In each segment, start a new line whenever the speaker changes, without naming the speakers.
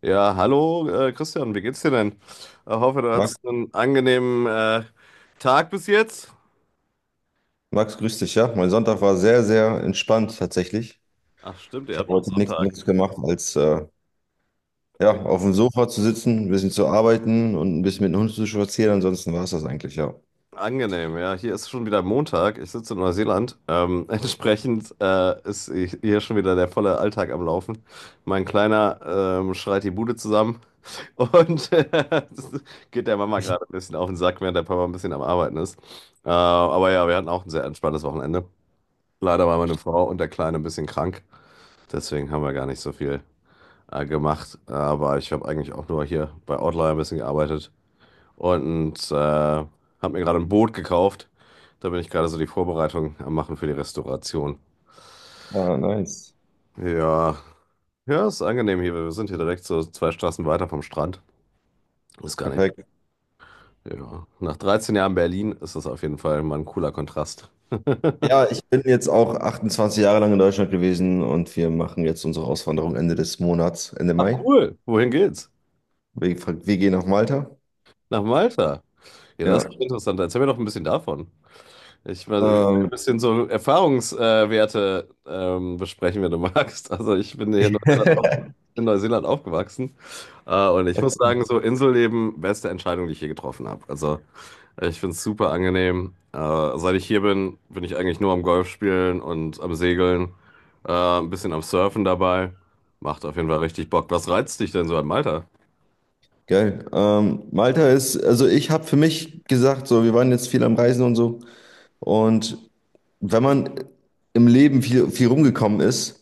Ja, hallo Christian, wie geht's dir denn? Ich hoffe, du
Max,
hattest einen angenehmen Tag bis jetzt.
Max, grüß dich, ja. Mein Sonntag war sehr, sehr entspannt tatsächlich.
Ach stimmt, ihr
Ich habe
habt noch
heute nichts
Sonntag.
anderes gemacht, als ja, auf dem Sofa zu sitzen, ein bisschen zu arbeiten und ein bisschen mit dem Hund zu spazieren. Ansonsten war es das eigentlich, ja.
Angenehm, ja. Hier ist schon wieder Montag. Ich sitze in Neuseeland. Entsprechend hier schon wieder der volle Alltag am Laufen. Mein Kleiner schreit die Bude zusammen und das geht der Mama gerade ein bisschen auf den Sack, während der Papa ein bisschen am Arbeiten ist. Aber ja, wir hatten auch ein sehr entspanntes Wochenende. Leider war meine Frau und der Kleine ein bisschen krank. Deswegen haben wir gar nicht so viel gemacht, aber ich habe eigentlich auch nur hier bei Outlier ein bisschen gearbeitet und habe mir gerade ein Boot gekauft. Da bin ich gerade so die Vorbereitung am Machen für die Restauration.
Ah, nice.
Ja, ja, ist angenehm hier. Wir sind hier direkt so zwei Straßen weiter vom Strand. Ist gar nicht.
Perfekt.
Ja. Nach 13 Jahren Berlin ist das auf jeden Fall mal ein cooler Kontrast.
Ja, ich bin jetzt auch 28 Jahre lang in Deutschland gewesen und wir machen jetzt unsere Auswanderung Ende des Monats, Ende
Ach
Mai.
cool, wohin geht's?
Wir, wir gehen nach Malta.
Nach Malta. Ja, das
Ja.
ist interessant. Erzähl mir doch ein bisschen davon. Ich weiß, wir können
Ähm,
ein bisschen so Erfahrungswerte besprechen, wenn du magst. Also ich bin hier in Neuseeland, in Neuseeland aufgewachsen und ich muss sagen, so Inselleben, beste Entscheidung, die ich je getroffen habe. Also ich finde es super angenehm. Seit ich hier bin, bin ich eigentlich nur am Golf spielen und am Segeln, äh, ein bisschen am Surfen dabei. Macht auf jeden Fall richtig Bock. Was reizt dich denn so an Malta?
Geil. Malta ist, also ich habe für mich gesagt, so, wir waren jetzt viel am Reisen und so. Und wenn man im Leben viel, viel rumgekommen ist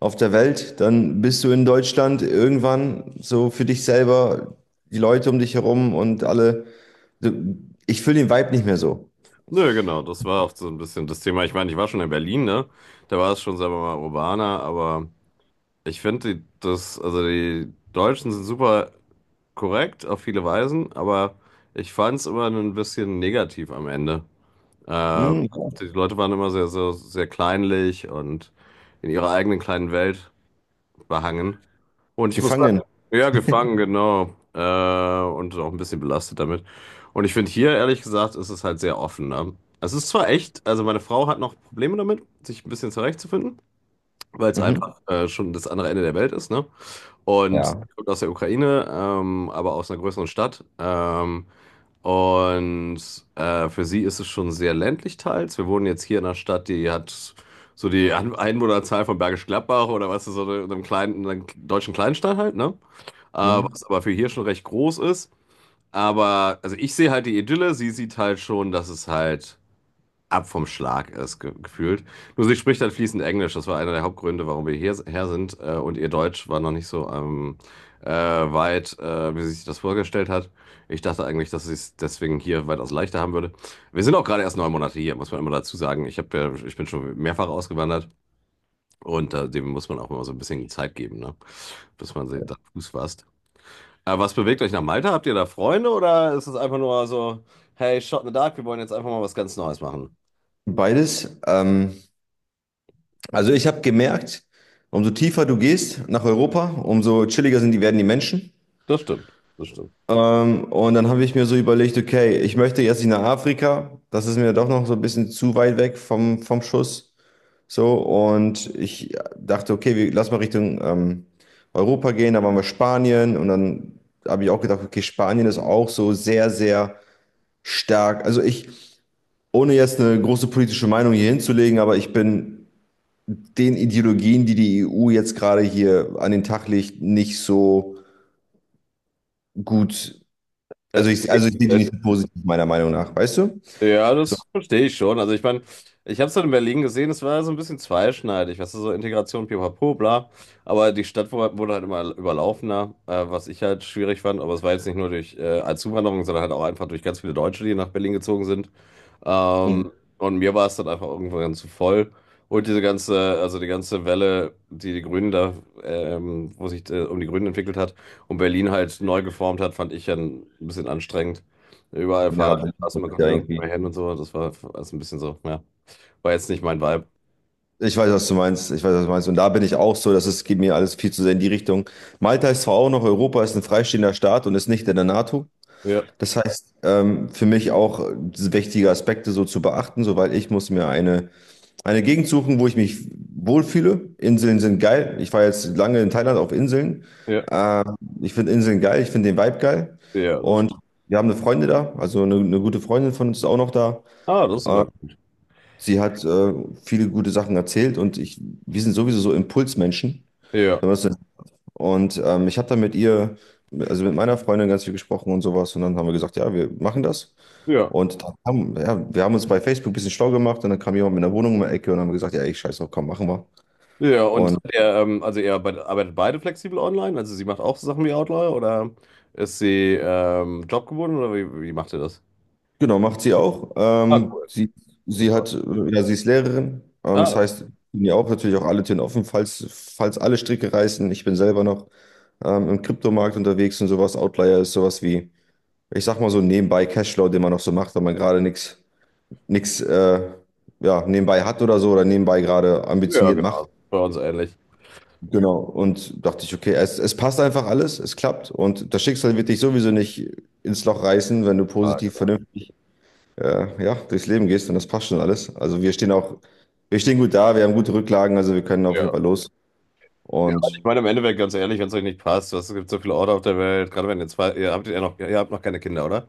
auf der Welt, dann bist du in Deutschland irgendwann so für dich selber, die Leute um dich herum und alle. Du- Ich fühle den Vibe nicht mehr so.
Nö, genau, das war auch so ein bisschen das Thema. Ich meine, ich war schon in Berlin, ne? Da war es schon, sagen wir mal, urbaner, aber ich finde, die- also die Deutschen sind super korrekt auf viele Weisen, aber ich fand es immer ein bisschen negativ am Ende. Äh,
Hm,
die Leute waren immer sehr, sehr, sehr kleinlich und in ihrer eigenen kleinen Welt behangen. Und ich muss
gefangen.
sagen, ja, gefangen, genau. Und auch ein bisschen belastet damit. Und ich finde hier, ehrlich gesagt, ist es halt sehr offen. Ne? Es ist zwar echt, also meine Frau hat noch Probleme damit, sich ein bisschen zurechtzufinden, weil es
Mhm.
einfach schon das andere Ende der Welt ist, ne? Und
Ja.
die kommt aus der Ukraine, aber aus einer größeren Stadt. Und für sie ist es schon sehr ländlich teils. Wir wohnen jetzt hier in einer Stadt, die hat so die Einwohnerzahl von Bergisch Gladbach oder was ist so in einem kleinen, einer deutschen Kleinstadt halt, ne? Äh,
Mhm.
was aber für hier schon recht groß ist. Aber also ich sehe halt die Idylle, sie sieht halt schon, dass es halt ab vom Schlag ist, ge gefühlt. Nur sie spricht halt fließend Englisch. Das war einer der Hauptgründe, warum wir hierher sind. Und ihr Deutsch war noch nicht so weit, wie sie sich das vorgestellt hat. Ich dachte eigentlich, dass sie es deswegen hier weitaus leichter haben würde. Wir sind auch gerade erst 9 Monate hier, muss man immer dazu sagen. Ich bin schon mehrfach ausgewandert. Und dem muss man auch immer so ein bisschen Zeit geben, ne? Bis man sie da Fuß fasst. Was bewegt euch nach Malta? Habt ihr da Freunde oder ist es einfach nur so, hey, shot in the dark, wir wollen jetzt einfach mal was ganz Neues machen?
Beides. Also ich habe gemerkt, umso tiefer du gehst nach Europa, umso chilliger sind die, werden die Menschen.
Das stimmt, das stimmt.
Und dann habe ich mir so überlegt, okay, ich möchte jetzt nicht nach Afrika. Das ist mir doch noch so ein bisschen zu weit weg vom Schuss. So, und ich dachte, okay, wir, lass mal Richtung Europa gehen. Da waren wir Spanien. Und dann habe ich auch gedacht, okay, Spanien ist auch so sehr, sehr stark. Ohne jetzt eine große politische Meinung hier hinzulegen, aber ich bin den Ideologien, die die EU jetzt gerade hier an den Tag legt, nicht so gut.
Äh,
Also ich sehe die nicht so positiv, meiner Meinung nach, weißt du?
ja,
So,
das verstehe ich schon. Also ich meine, ich habe es dann in Berlin gesehen, es war so ein bisschen zweischneidig, weißt du, so Integration, pipapo, bla. Aber die Stadt wurde halt immer überlaufener, was ich halt schwierig fand. Aber es war jetzt nicht nur durch als Zuwanderung, sondern halt auch einfach durch ganz viele Deutsche, die nach Berlin gezogen sind.
hm,
Ähm, und mir war es dann einfach irgendwann zu voll. Und diese ganze, also die ganze Welle, die die Grünen da, wo sich um die Grünen entwickelt hat und Berlin halt neu geformt hat, fand ich ja ein bisschen anstrengend. Überall
ja, bin
Fahrradstraßen,
ich
man konnte
ja
nirgendwo
irgendwie.
mehr hin und so. Das war alles ein bisschen so, ja. War jetzt nicht mein Vibe.
Ich weiß, was du meinst. Ich weiß, was du meinst. Und da bin ich auch so, dass es geht mir alles viel zu sehr in die Richtung. Malta ist zwar auch noch Europa, ist ein freistehender Staat und ist nicht in der NATO.
Ja,
Das heißt, für mich auch wichtige Aspekte so zu beachten, soweit ich muss mir eine Gegend suchen, wo ich mich wohlfühle. Inseln sind geil. Ich war jetzt lange in Thailand auf Inseln.
ja,
Äh, Ich finde Inseln geil, ich finde den Vibe geil.
ja. Das,
Und wir haben eine Freundin da, also eine gute Freundin von uns ist auch noch da.
ah, das ist
Äh,
aber.
Sie hat viele gute Sachen erzählt und wir sind sowieso so Impulsmenschen.
Ja,
Wenn man das so- nennt. Und ich habe da mit ihr, also mit meiner Freundin ganz viel gesprochen und sowas. Und dann haben wir gesagt, ja, wir machen das.
ja,
Und dann haben, ja, wir haben uns bei Facebook ein bisschen schlau gemacht und dann kam jemand mit einer Wohnung um die Ecke und haben gesagt, ja, ich scheiße, komm, machen wir.
ja. Und
Und
er, ähm, also ihr arbeitet beide flexibel online? Also sie macht auch so Sachen wie Outlier oder ist sie jobgebunden oder wie macht ihr das?
genau, macht sie auch.
Ah,
Ähm,
cool.
sie, sie
Super.
hat, ja, sie ist Lehrerin. Das
Ah,
heißt, bin ja auch natürlich auch alle Türen offen, falls alle Stricke reißen. Ich bin selber noch im Kryptomarkt unterwegs und sowas. Outlier ist sowas wie, ich sag mal so nebenbei Cashflow, den man noch so macht, wenn man gerade nichts ja, nebenbei hat oder so oder nebenbei gerade
ja,
ambitioniert macht.
genau. Bei uns ähnlich.
Genau. Und dachte ich, okay, es passt einfach alles, es klappt und das Schicksal wird dich sowieso nicht ins Loch reißen, wenn du
Ah,
positiv,
genau.
vernünftig ja, durchs Leben gehst und das passt schon alles. Also wir stehen gut da, wir haben gute Rücklagen, also wir können auf jeden
Ja.
Fall los.
Ja, ich
Und
meine, im Endeffekt, ganz ehrlich, wenn es euch nicht passt, was, es gibt so viele Orte auf der Welt, gerade wenn ihr zwei, ihr habt noch keine Kinder, oder?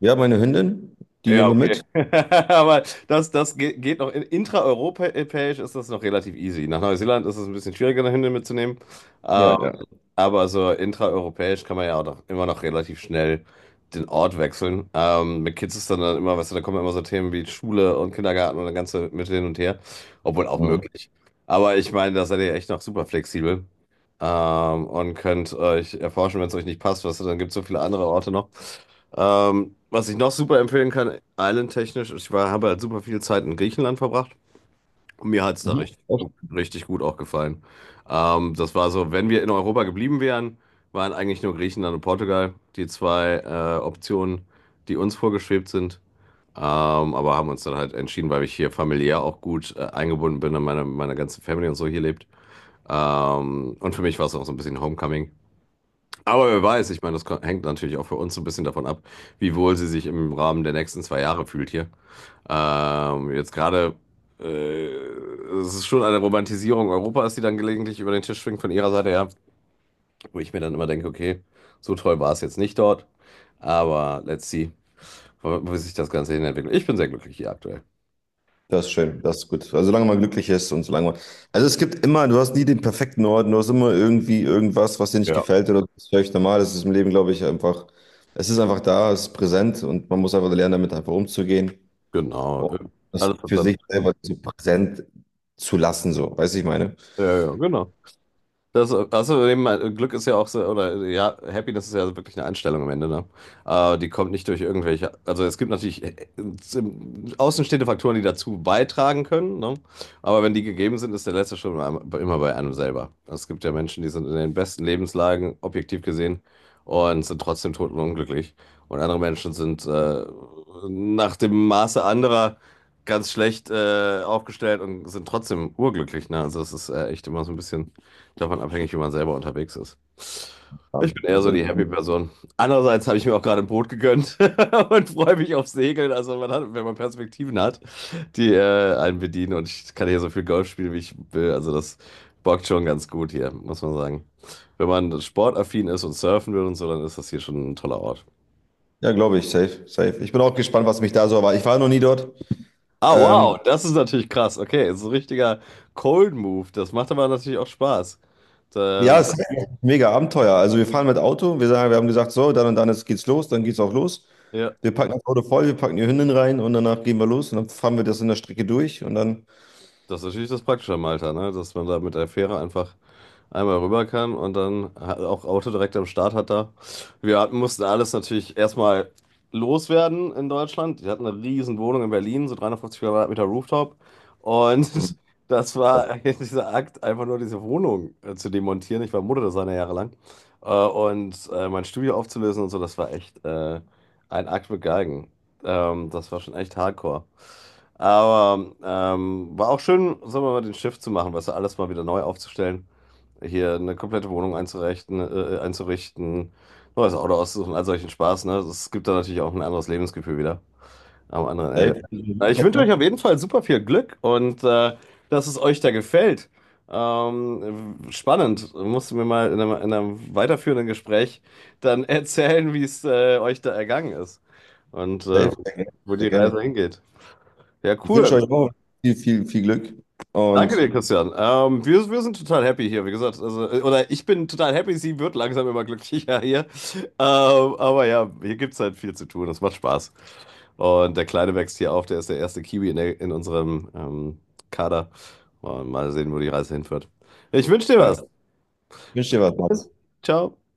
ja, meine Hündin, die
Ja,
nehmen wir
okay.
mit.
Aber das geht noch. Intraeuropäisch ist das noch relativ easy. Nach Neuseeland ist es ein bisschen schwieriger, eine Hündin mitzunehmen.
Ja,
Ähm,
ja.
aber so intraeuropäisch kann man ja auch immer noch relativ schnell den Ort wechseln. Mit Kids ist dann immer, weißt du, da kommen immer so Themen wie Schule und Kindergarten und das ganze mit hin und her. Obwohl auch
Mhm.
möglich. Aber ich meine, da seid ihr echt noch super flexibel. Und könnt euch erforschen, wenn es euch nicht passt, was, dann gibt es so viele andere Orte noch. Was ich noch super empfehlen kann, islandtechnisch, habe halt super viel Zeit in Griechenland verbracht und mir hat es da
Mhm.
richtig gut auch gefallen. Das war so, wenn wir in Europa geblieben wären, waren eigentlich nur Griechenland und Portugal die zwei Optionen, die uns vorgeschwebt sind. Aber haben uns dann halt entschieden, weil ich hier familiär auch gut eingebunden bin und meine ganze Family und so hier lebt. Und für mich war es auch so ein bisschen Homecoming. Aber wer weiß, ich meine, das hängt natürlich auch für uns so ein bisschen davon ab, wie wohl sie sich im Rahmen der nächsten 2 Jahre fühlt hier. Jetzt gerade, äh, es ist schon eine Romantisierung Europas, die dann gelegentlich über den Tisch schwingt von ihrer Seite her, wo ich mir dann immer denke, okay, so toll war es jetzt nicht dort, aber let's see, wo sich das Ganze hin entwickelt. Ich bin sehr glücklich hier aktuell.
Das ist schön, das ist gut. Also solange man glücklich ist und solange man. Also es gibt immer, du hast nie den perfekten Ort, du hast immer irgendwie irgendwas, was dir nicht
Ja.
gefällt oder das ist völlig normal. Das ist im Leben, glaube ich, einfach, es ist einfach da, es ist präsent und man muss einfach lernen, damit einfach umzugehen
Genau.
und das
Alles hat
für
seine.
sich selber so präsent zu lassen, so, weißt du, ich meine.
Ja, ja, genau. Das, also eben, Glück ist ja auch so, oder ja, Happiness ist ja wirklich eine Einstellung am Ende, ne? Die kommt nicht durch irgendwelche, also es gibt natürlich außenstehende Faktoren, die dazu beitragen können, ne? Aber wenn die gegeben sind, ist der letzte Schritt immer immer bei einem selber. Also, es gibt ja Menschen, die sind in den besten Lebenslagen, objektiv gesehen, und sind trotzdem totenunglücklich. Und andere Menschen sind nach dem Maße anderer ganz schlecht aufgestellt und sind trotzdem urglücklich, ne? Also es ist echt immer so ein bisschen davon abhängig, wie man selber unterwegs ist.
Ja,
Ich bin eher
das
so die
Intro.
Happy-Person. Andererseits habe ich mir auch gerade ein Boot gegönnt und freue mich auf Segeln. Also man hat, wenn man Perspektiven hat, die einen bedienen. Und ich kann hier so viel Golf spielen, wie ich will. Also das bockt schon ganz gut hier, muss man sagen. Wenn man sportaffin ist und surfen will und so, dann ist das hier schon ein toller Ort.
Ja, glaube ich, safe, safe. Ich bin auch gespannt, was mich da so erwartet. Ich war noch nie dort.
Ah,
Ähm,
wow, das ist natürlich krass. Okay, so ein richtiger Cold Move. Das macht aber natürlich auch Spaß.
ja,
Ähm,
es ist mega Abenteuer. Also wir fahren mit Auto, wir sagen, wir haben gesagt, so, dann und dann geht's los, dann geht's auch los.
ja.
Wir packen das Auto voll, wir packen die Hündin rein und danach gehen wir los und dann fahren wir das in der Strecke durch und dann
Das ist natürlich das Praktische am Alter, ne? Dass man da mit der Fähre einfach einmal rüber kann und dann auch Auto direkt am Start hat da. Wir hatten, mussten alles natürlich erstmal loswerden in Deutschland. Die hatten eine riesen Wohnung in Berlin, so 350 Quadratmeter Rooftop. Und
Mhm.
das war dieser Akt, einfach nur diese Wohnung zu demontieren. Ich war Modedesigner jahrelang. Mein Studio aufzulösen und so, das war echt ein Akt mit Geigen. Das war schon echt hardcore. Aber war auch schön, sagen wir mal, den Shift zu machen, weißt du, alles mal wieder neu aufzustellen, hier eine komplette Wohnung einzurichten, neues Auto auszusuchen, all solchen Spaß, ne? Das gibt da natürlich auch ein anderes Lebensgefühl wieder am anderen Ende.
Safe,
Ich wünsche
ne?
euch auf jeden Fall super viel Glück und dass es euch da gefällt. Spannend. Musst du mir mal in einem weiterführenden Gespräch dann erzählen, wie es euch da ergangen ist und
Safe, sehr gerne.
wo
Sehr
die
gerne.
Reise hingeht. Ja,
Ich wünsche
cool.
euch auch viel, viel, viel Glück
Danke
und
dir, Christian. Wir sind total happy hier, wie gesagt. Also, oder ich bin total happy, sie wird langsam immer glücklicher hier. Aber ja, hier gibt es halt viel zu tun. Das macht Spaß. Und der Kleine wächst hier auf, der ist der erste Kiwi in unserem Kader. Und mal sehen, wo die Reise hinführt. Ich wünsche dir
ja, ich
was.
wünsche dir was.
Ciao.